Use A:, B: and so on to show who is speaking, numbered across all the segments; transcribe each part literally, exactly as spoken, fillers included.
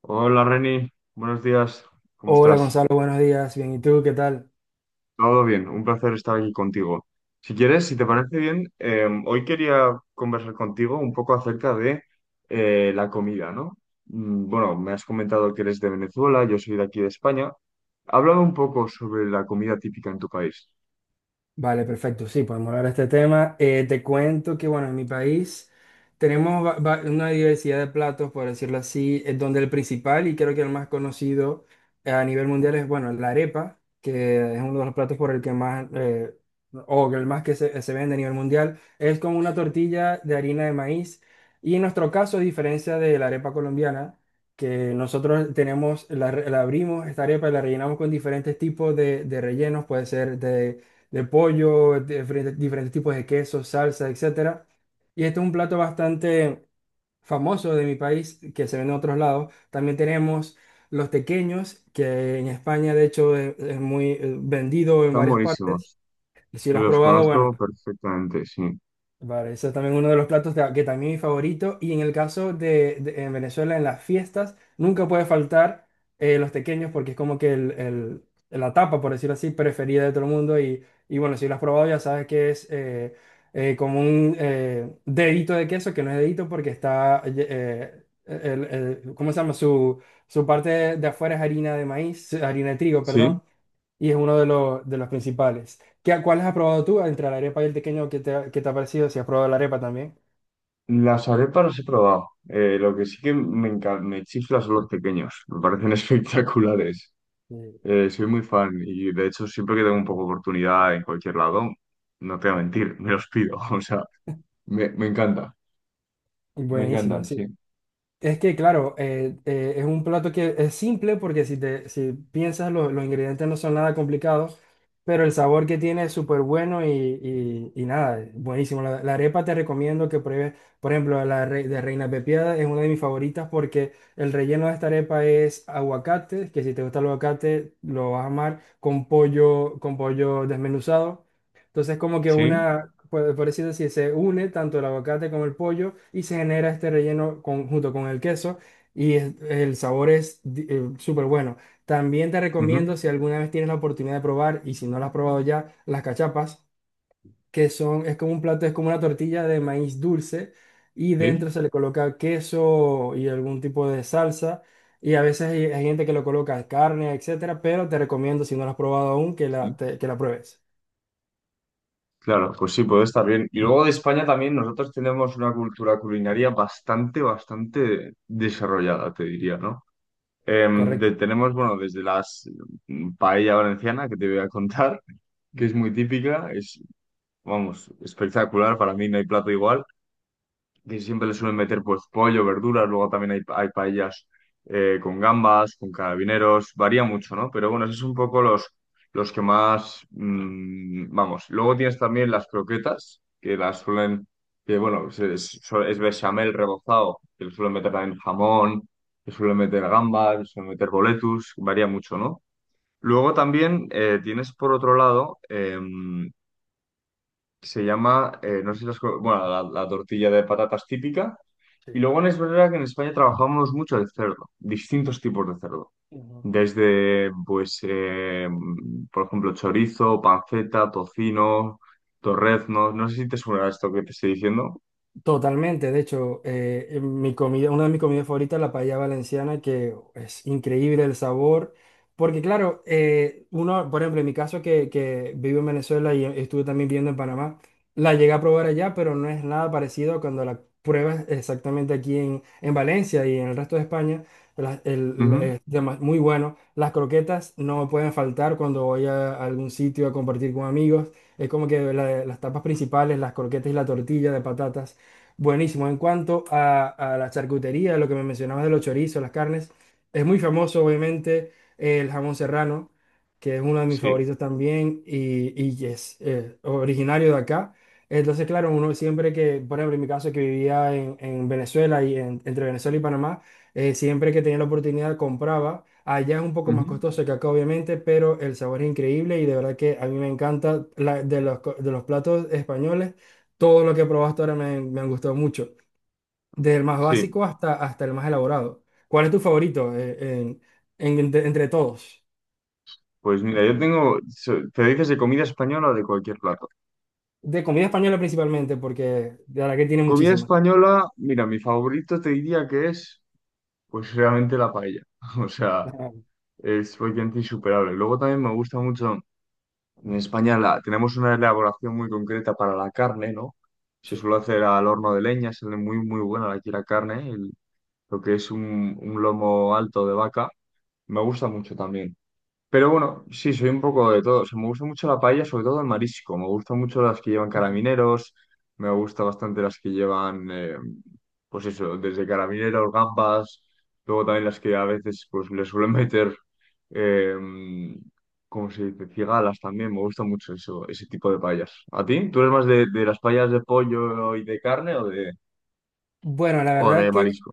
A: Hola Reni, buenos días, ¿cómo
B: Hola
A: estás?
B: Gonzalo, buenos días. Bien, ¿y tú qué tal?
A: Todo bien, un placer estar aquí contigo. Si quieres, si te parece bien, eh, hoy quería conversar contigo un poco acerca de eh, la comida, ¿no? Mm, Bueno, me has comentado que eres de Venezuela, yo soy de aquí de España. Háblame un poco sobre la comida típica en tu país.
B: Vale, perfecto. Sí, podemos hablar de este tema. Eh, te cuento que, bueno, en mi país tenemos va- va- una diversidad de platos, por decirlo así, eh, donde el principal y creo que el más conocido eh, a nivel mundial es, bueno, la arepa, que es uno de los platos por el que más, eh, o el más que se, se vende a nivel mundial. Es como una tortilla de harina de maíz. Y en nuestro caso, a diferencia de la arepa colombiana, que nosotros tenemos, la, re- la abrimos, esta arepa y la rellenamos con diferentes tipos de, de rellenos, puede ser de de pollo, diferentes, diferentes tipos de quesos, salsa, etcétera. Y este es un plato bastante famoso de mi país, que se vende en otros lados. También tenemos los tequeños, que en España, de hecho, es, es muy eh, vendido en
A: Están
B: varias partes.
A: buenísimos,
B: Y si lo has
A: los
B: probado, bueno.
A: conozco perfectamente, sí.
B: Vale, eso es también uno de los platos de- que también es mi favorito. Y en el caso de, de- en Venezuela, en las fiestas, nunca puede faltar eh, los tequeños porque es como que el, el- la tapa, por decirlo así, preferida de todo el mundo. Y, y bueno, si lo has probado ya sabes que es eh, eh, como un eh, dedito de queso, que no es dedito porque está, eh, el- el- ¿cómo se llama? Su, su parte de afuera es harina de maíz, harina de trigo,
A: Sí,
B: perdón, y es uno de los, de los principales. ¿Qué, cuáles has probado tú entre la arepa y el tequeño? ¿Qué te, ha- qué te ha parecido? Si has probado la arepa también.
A: las arepas las he probado. Eh, lo que sí que me, enca- me chifla son los pequeños, me parecen espectaculares.
B: Sí.
A: Eh, soy muy fan y de hecho siempre que tengo un poco de oportunidad en cualquier lado, no te voy a mentir, me los pido. O sea, me, me encanta. Me
B: Buenísimo,
A: encantan,
B: sí.
A: sí.
B: Es que, claro, eh, eh, es un plato que es simple porque si, te, si piensas lo- los ingredientes no son nada complicados, pero el sabor que tiene es súper bueno y, y- y nada, buenísimo. La, la arepa te recomiendo que pruebes, por ejemplo, la re- de Reina Pepiada es una de mis favoritas porque el relleno de esta arepa es aguacate, que si te gusta el aguacate lo vas a amar, con pollo, con pollo desmenuzado. Entonces, como que
A: ¿Sí?
B: una, por, por así decir, se une tanto el aguacate como el pollo y se genera este relleno con- junto con el queso y es- el sabor es di- eh, súper bueno. También te
A: Ujú,
B: recomiendo, si alguna vez tienes la oportunidad de probar y si no las has probado ya, las cachapas, que son, es como un plato, es como una tortilla de maíz dulce y dentro
A: sí,
B: se le coloca queso y algún tipo de salsa. Y a veces hay, hay gente que lo coloca carne, etcétera, pero te recomiendo, si no la has probado aún, que la,
A: sí.
B: te- que la pruebes.
A: Claro, pues sí, puede estar bien. Y luego de España también nosotros tenemos una cultura culinaria bastante, bastante desarrollada, te diría, ¿no? Em, de-
B: Correcto.
A: tenemos, bueno, desde las mm, paella valenciana que te voy a contar, que
B: Mm,
A: es muy típica, es, vamos, espectacular, para mí no hay plato igual. Que siempre le suelen meter pues pollo, verduras, luego también hay, hay paellas eh, con gambas, con carabineros, varía mucho, ¿no? Pero bueno, esos son un poco los, los que más, mm, vamos, luego tienes también las croquetas, que las suelen, que bueno, es, es, so- es bechamel rebozado, que le suelen meter también jamón, le suelen meter gambas, le suelen meter boletus, varía mucho, ¿no? Luego también eh, tienes por otro lado, em, se llama, eh, no sé si las, bueno, la la tortilla de patatas típica, y
B: sí.
A: luego es verdad que en España trabajamos mucho de cerdo, distintos tipos de cerdo.
B: Ujú.
A: Desde, pues, eh, por ejemplo, chorizo, panceta, tocino, torreznos. No sé si te suena esto que te estoy diciendo.
B: Totalmente, de hecho, eh, en mi comida, una de mis comidas favoritas es la paella valenciana, que es increíble el sabor, porque claro, eh, uno, por ejemplo, en mi caso que, que vivo en Venezuela y estuve también viviendo en Panamá, la llegué a probar allá, pero no es nada parecido a cuando la pruebas exactamente aquí en, en Valencia y en el resto de España, la- el- la-
A: Ujú,
B: es dema- muy bueno. Las croquetas no pueden faltar cuando voy a algún sitio a compartir con amigos, es como que la- las tapas principales, las croquetas y la tortilla de patatas. Buenísimo. En cuanto a, a la charcutería, lo que me mencionabas de los chorizos, las carnes, es muy famoso, obviamente, el jamón serrano, que es uno de mis
A: sí.
B: favoritos también y, y es eh, originario de acá. Entonces, claro, uno siempre que, por ejemplo, en mi caso que vivía en, en Venezuela y en- entre Venezuela y Panamá, eh, siempre que tenía la oportunidad compraba. Allá es un poco más
A: Ujú,
B: costoso que acá, obviamente, pero el sabor es increíble y de verdad que a mí me encanta la- de los, co- de los platos españoles. Todo lo que probaste ahora me, me han gustado mucho, desde el más
A: sí.
B: básico hasta, hasta el más elaborado. ¿Cuál es tu favorito eh, en- en- entre, entre todos?
A: Pues mira, yo tengo, so- te dices de comida española o de cualquier plato.
B: De comida española principalmente, porque de verdad que tiene
A: Comida
B: muchísimas.
A: española, mira, mi favorito te diría que es, pues, realmente la paella. O sea,
B: Ajá,
A: es prácticamente insuperable. Luego también me gusta mucho. En España la- tenemos una elaboración muy concreta para la carne, ¿no? Se
B: sí.
A: suele hacer al horno de leña, sale muy, muy buena aquí la carne, el- lo que es un, un lomo alto de vaca. Me gusta mucho también. Pero bueno, sí, soy un poco de todo. O sea, me gusta mucho la paella, sobre todo el marisco. Me gustan mucho las que llevan
B: Ujú.
A: carabineros, me gusta bastante las que llevan, eh, pues eso, desde carabineros, gambas, luego también las que a veces pues le suelen meter, eh, ¿cómo se dice? Cigalas también. Me gusta mucho eso, ese tipo de paellas. ¿A ti? ¿Tú eres más de, de las paellas de pollo y de carne o de,
B: Bueno, la
A: o
B: verdad,
A: de marisco?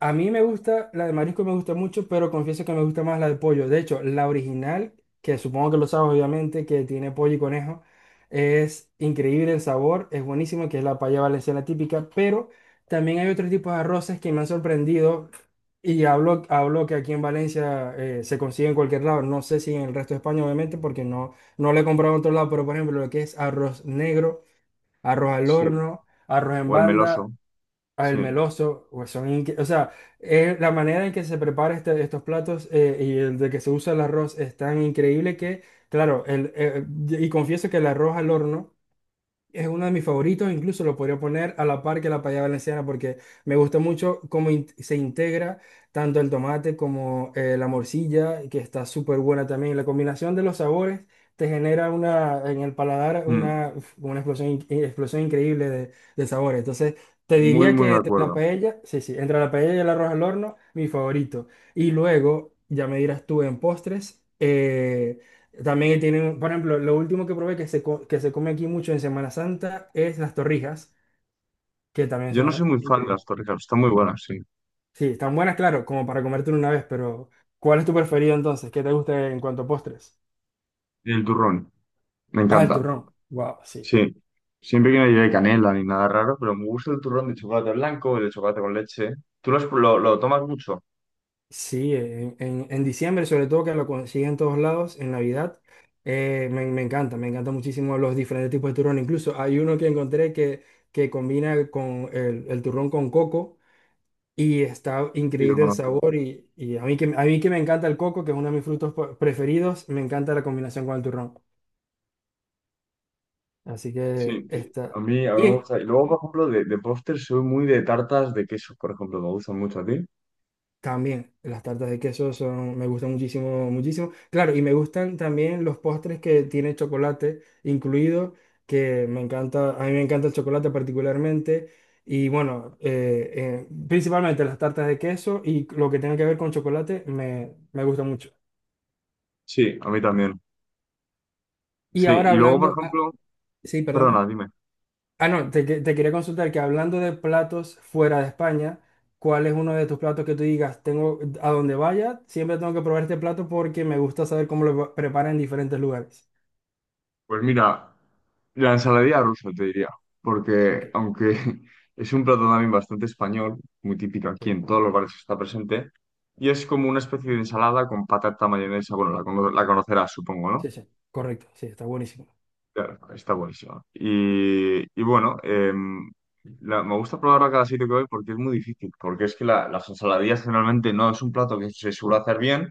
B: a mí me gusta, la de marisco me gusta mucho, pero confieso que me gusta más la de pollo. De hecho, la original, que supongo que lo sabes obviamente, que tiene pollo y conejo, es increíble el sabor, es buenísimo, que es la paella valenciana típica, pero también hay otros tipos de arroces que me han sorprendido y hablo, hablo que aquí en Valencia eh, se consigue en cualquier lado. No sé si en el resto de España, obviamente, porque no, no lo he comprado en otro lado, pero por ejemplo, lo que es arroz negro, arroz al
A: Sí.
B: horno, arroz en
A: O el
B: banda
A: meloso, sí.
B: al meloso, pues son inque- o sea, eh, la manera en que se prepara este- estos platos eh, y el de que se usa el arroz es tan increíble que, claro, el, eh, y confieso que el arroz al horno es uno de mis favoritos, incluso lo podría poner a la par que la payada valenciana porque me gusta mucho cómo in- se integra tanto el tomate como eh, la morcilla, que está súper buena también. La combinación de los sabores te genera una, en el paladar
A: Mm.
B: una, uf, una explosión, in- eh, explosión increíble de, de sabores. Entonces, te
A: Muy,
B: diría
A: muy de
B: que entre la
A: acuerdo.
B: paella, sí, sí, entre la paella y el arroz al horno, mi favorito. Y luego, ya me dirás tú en postres. Eh, también tienen, por ejemplo, lo último que probé que se, co- que se come aquí mucho en Semana Santa es las torrijas, que también
A: Yo no soy
B: son
A: muy fan de
B: increíbles.
A: las torrijas, están muy buenas, sí.
B: Sí, están buenas, claro, como para comértelo una vez, pero ¿cuál es tu preferido entonces? ¿Qué te gusta en cuanto a postres?
A: Y el turrón, me
B: Ah, el
A: encanta.
B: turrón. Wow, sí.
A: Sí. Siempre que no lleve canela ni nada raro, pero me gusta el turrón de chocolate blanco, el de chocolate con leche. ¿Tú lo, has- lo- lo tomas mucho?
B: Sí, en, en- en diciembre, sobre todo que lo consiguen en todos lados, en Navidad, eh, me, me encanta, me encanta muchísimo los diferentes tipos de turrón. Incluso hay uno que encontré que, que combina con el, el turrón con coco. Y está
A: Sí, lo
B: increíble el
A: conozco.
B: sabor y, y a mí que, a mí que me encanta el coco, que es uno de mis frutos po- preferidos, me encanta la combinación con el turrón. Así que
A: Sí, sí. A
B: está.
A: mí, a mí me
B: Y
A: gusta. Y luego, por ejemplo, de, de póster soy muy de tartas de queso, por ejemplo. Me gustan mucho a ti.
B: también las tartas de queso son, me gustan muchísimo, muchísimo. Claro, y me gustan también los postres que tienen chocolate incluido, que me encanta, a mí me encanta el chocolate particularmente. Y bueno, eh, eh, principalmente las tartas de queso y lo que tenga que ver con chocolate me, me gusta mucho.
A: Sí, a mí también.
B: Y
A: Sí, y
B: ahora
A: luego, por
B: hablando... ah,
A: ejemplo,
B: sí, perdona.
A: perdona, dime.
B: Ah, no, te, que- te quería consultar que hablando de platos fuera de España, ¿cuál es uno de tus platos que tú digas, tengo, a donde vaya, siempre tengo que probar este plato porque me gusta saber cómo lo preparan en diferentes lugares?
A: Pues mira, la ensaladilla rusa te diría,
B: Ok,
A: porque aunque es un plato también bastante español, muy típico aquí
B: sí,
A: en todos los bares está presente, y es como una especie de ensalada con patata, mayonesa, bueno, la, cono- la conocerás, supongo, ¿no?
B: sí, sí. Correcto, sí, está buenísimo.
A: Claro, está buenísimo. Y, y bueno, em, la- me gusta probarla cada sitio que voy porque es muy difícil, porque es que la- las ensaladillas generalmente no es un plato que se suele hacer bien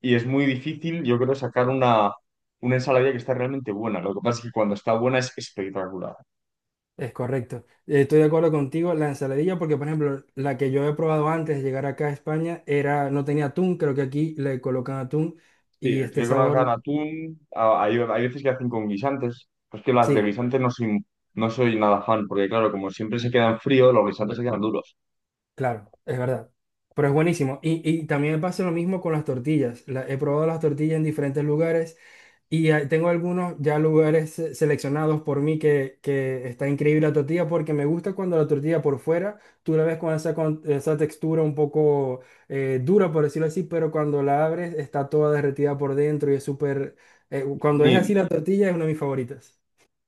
A: y es muy difícil, yo creo, sacar una, una ensaladilla que está realmente buena. Lo que pasa es que cuando está buena es espectacular.
B: Es correcto. Eh, Estoy de acuerdo contigo. La ensaladilla, porque por ejemplo, la que yo he probado antes de llegar acá a España era, no tenía atún, creo que aquí le colocan atún
A: Sí,
B: y este
A: aquí con hagan
B: sabor,
A: atún, a- hay, hay veces que hacen con guisantes. Pues que las de
B: sí,
A: guisantes no soy, no soy nada fan, porque claro, como siempre se quedan fríos, los guisantes se quedan duros.
B: claro, es verdad. Pero es buenísimo. Y, y también me pasa lo mismo con las tortillas. La- he probado las tortillas en diferentes lugares y eh, tengo algunos ya lugares se- seleccionados por mí que, que está increíble la tortilla porque me gusta cuando la tortilla por fuera, tú la ves con esa, con- esa textura un poco eh, dura, por decirlo así, pero cuando la abres está toda derretida por dentro y es súper... eh,
A: A
B: cuando es así
A: mí
B: la tortilla es una de mis favoritas.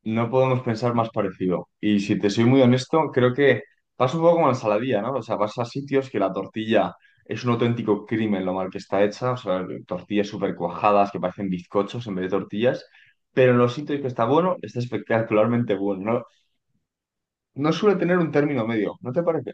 A: no podemos pensar más parecido. Y si te soy muy honesto, creo que pasa un poco como la ensaladilla, ¿no? O sea, vas a sitios que la tortilla es un auténtico crimen lo mal que está hecha, o sea, tortillas súper cuajadas que parecen bizcochos en vez de tortillas, pero en los sitios que está bueno, está espectacularmente bueno. No, no suele tener un término medio, ¿no te parece?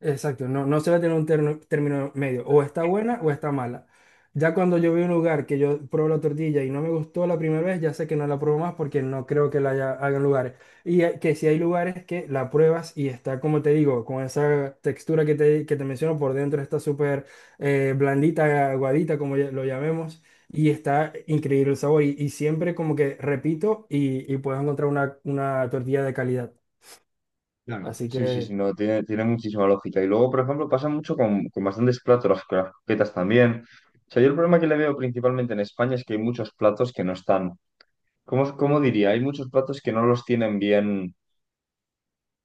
B: Exacto, no, no se va a tener un terno- término medio, o está buena o está mala. Ya cuando yo voy a un lugar que yo pruebo la tortilla y no me gustó la primera vez, ya sé que no la pruebo más porque no creo que la haya, hagan lugares. Y hay- que si hay lugares que la pruebas y está, como te digo, con esa textura que te, que te menciono por dentro, está súper eh, blandita, aguadita, como ya- lo llamemos, y está increíble el sabor. Y, y siempre como que repito y, y puedes encontrar una, una tortilla de calidad.
A: Claro.
B: Así
A: Sí, sí, sí,
B: que...
A: no, tiene, tiene muchísima lógica. Y luego, por ejemplo, pasa mucho con, con bastantes platos, las con las croquetas también. O sea, yo el problema que le veo principalmente en España es que hay muchos platos que no están. ¿Cómo, cómo diría? Hay muchos platos que no los tienen bien,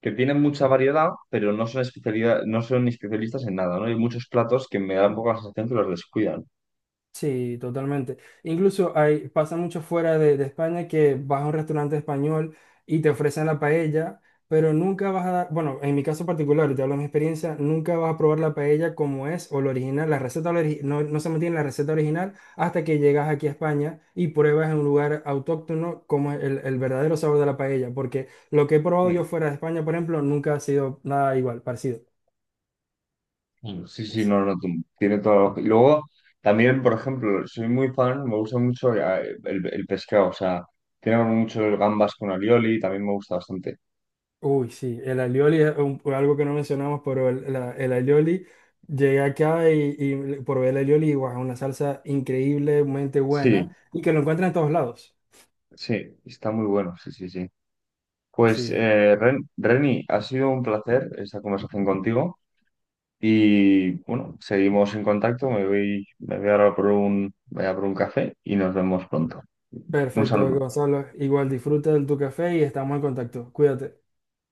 A: que tienen mucha variedad, pero no son especialidad, no son especialistas en nada, ¿no? Hay muchos platos que me dan un poco la sensación que los descuidan.
B: Sí, totalmente. Incluso hay, pasa mucho fuera de, de España que vas a un restaurante español y te ofrecen la paella, pero nunca vas a dar, bueno, en mi caso particular, y te hablo de mi experiencia, nunca vas a probar la paella como es o lo original, la receta ori- no, no se mantiene la receta original hasta que llegas aquí a España y pruebas en un lugar autóctono como es el, el verdadero sabor de la paella, porque lo que he probado
A: Mm,
B: yo fuera de España, por ejemplo, nunca ha sido nada igual, parecido.
A: mm, Sí, sí, no, no, tú- tiene todo. Y luego, también, por ejemplo, soy muy fan, me gusta mucho eh, el, el pescado, o sea, tiene mucho gambas con alioli, también me gusta bastante.
B: Uy, sí, el alioli es un- algo que no mencionamos, pero el, la- el alioli, llegué acá y, y probé el alioli, y guau, una salsa increíblemente buena
A: Sí,
B: y que lo encuentran en todos lados.
A: sí, está muy bueno, sí, sí, sí. Pues,
B: Sí,
A: eh, Ren- Reni, ha sido un placer esta conversación contigo. Y bueno, seguimos en contacto. Me voy, me voy ahora por un, voy a por un café y nos vemos pronto. Un
B: perfecto,
A: saludo.
B: Gonzalo. Igual disfruta de tu café y estamos en contacto. Cuídate.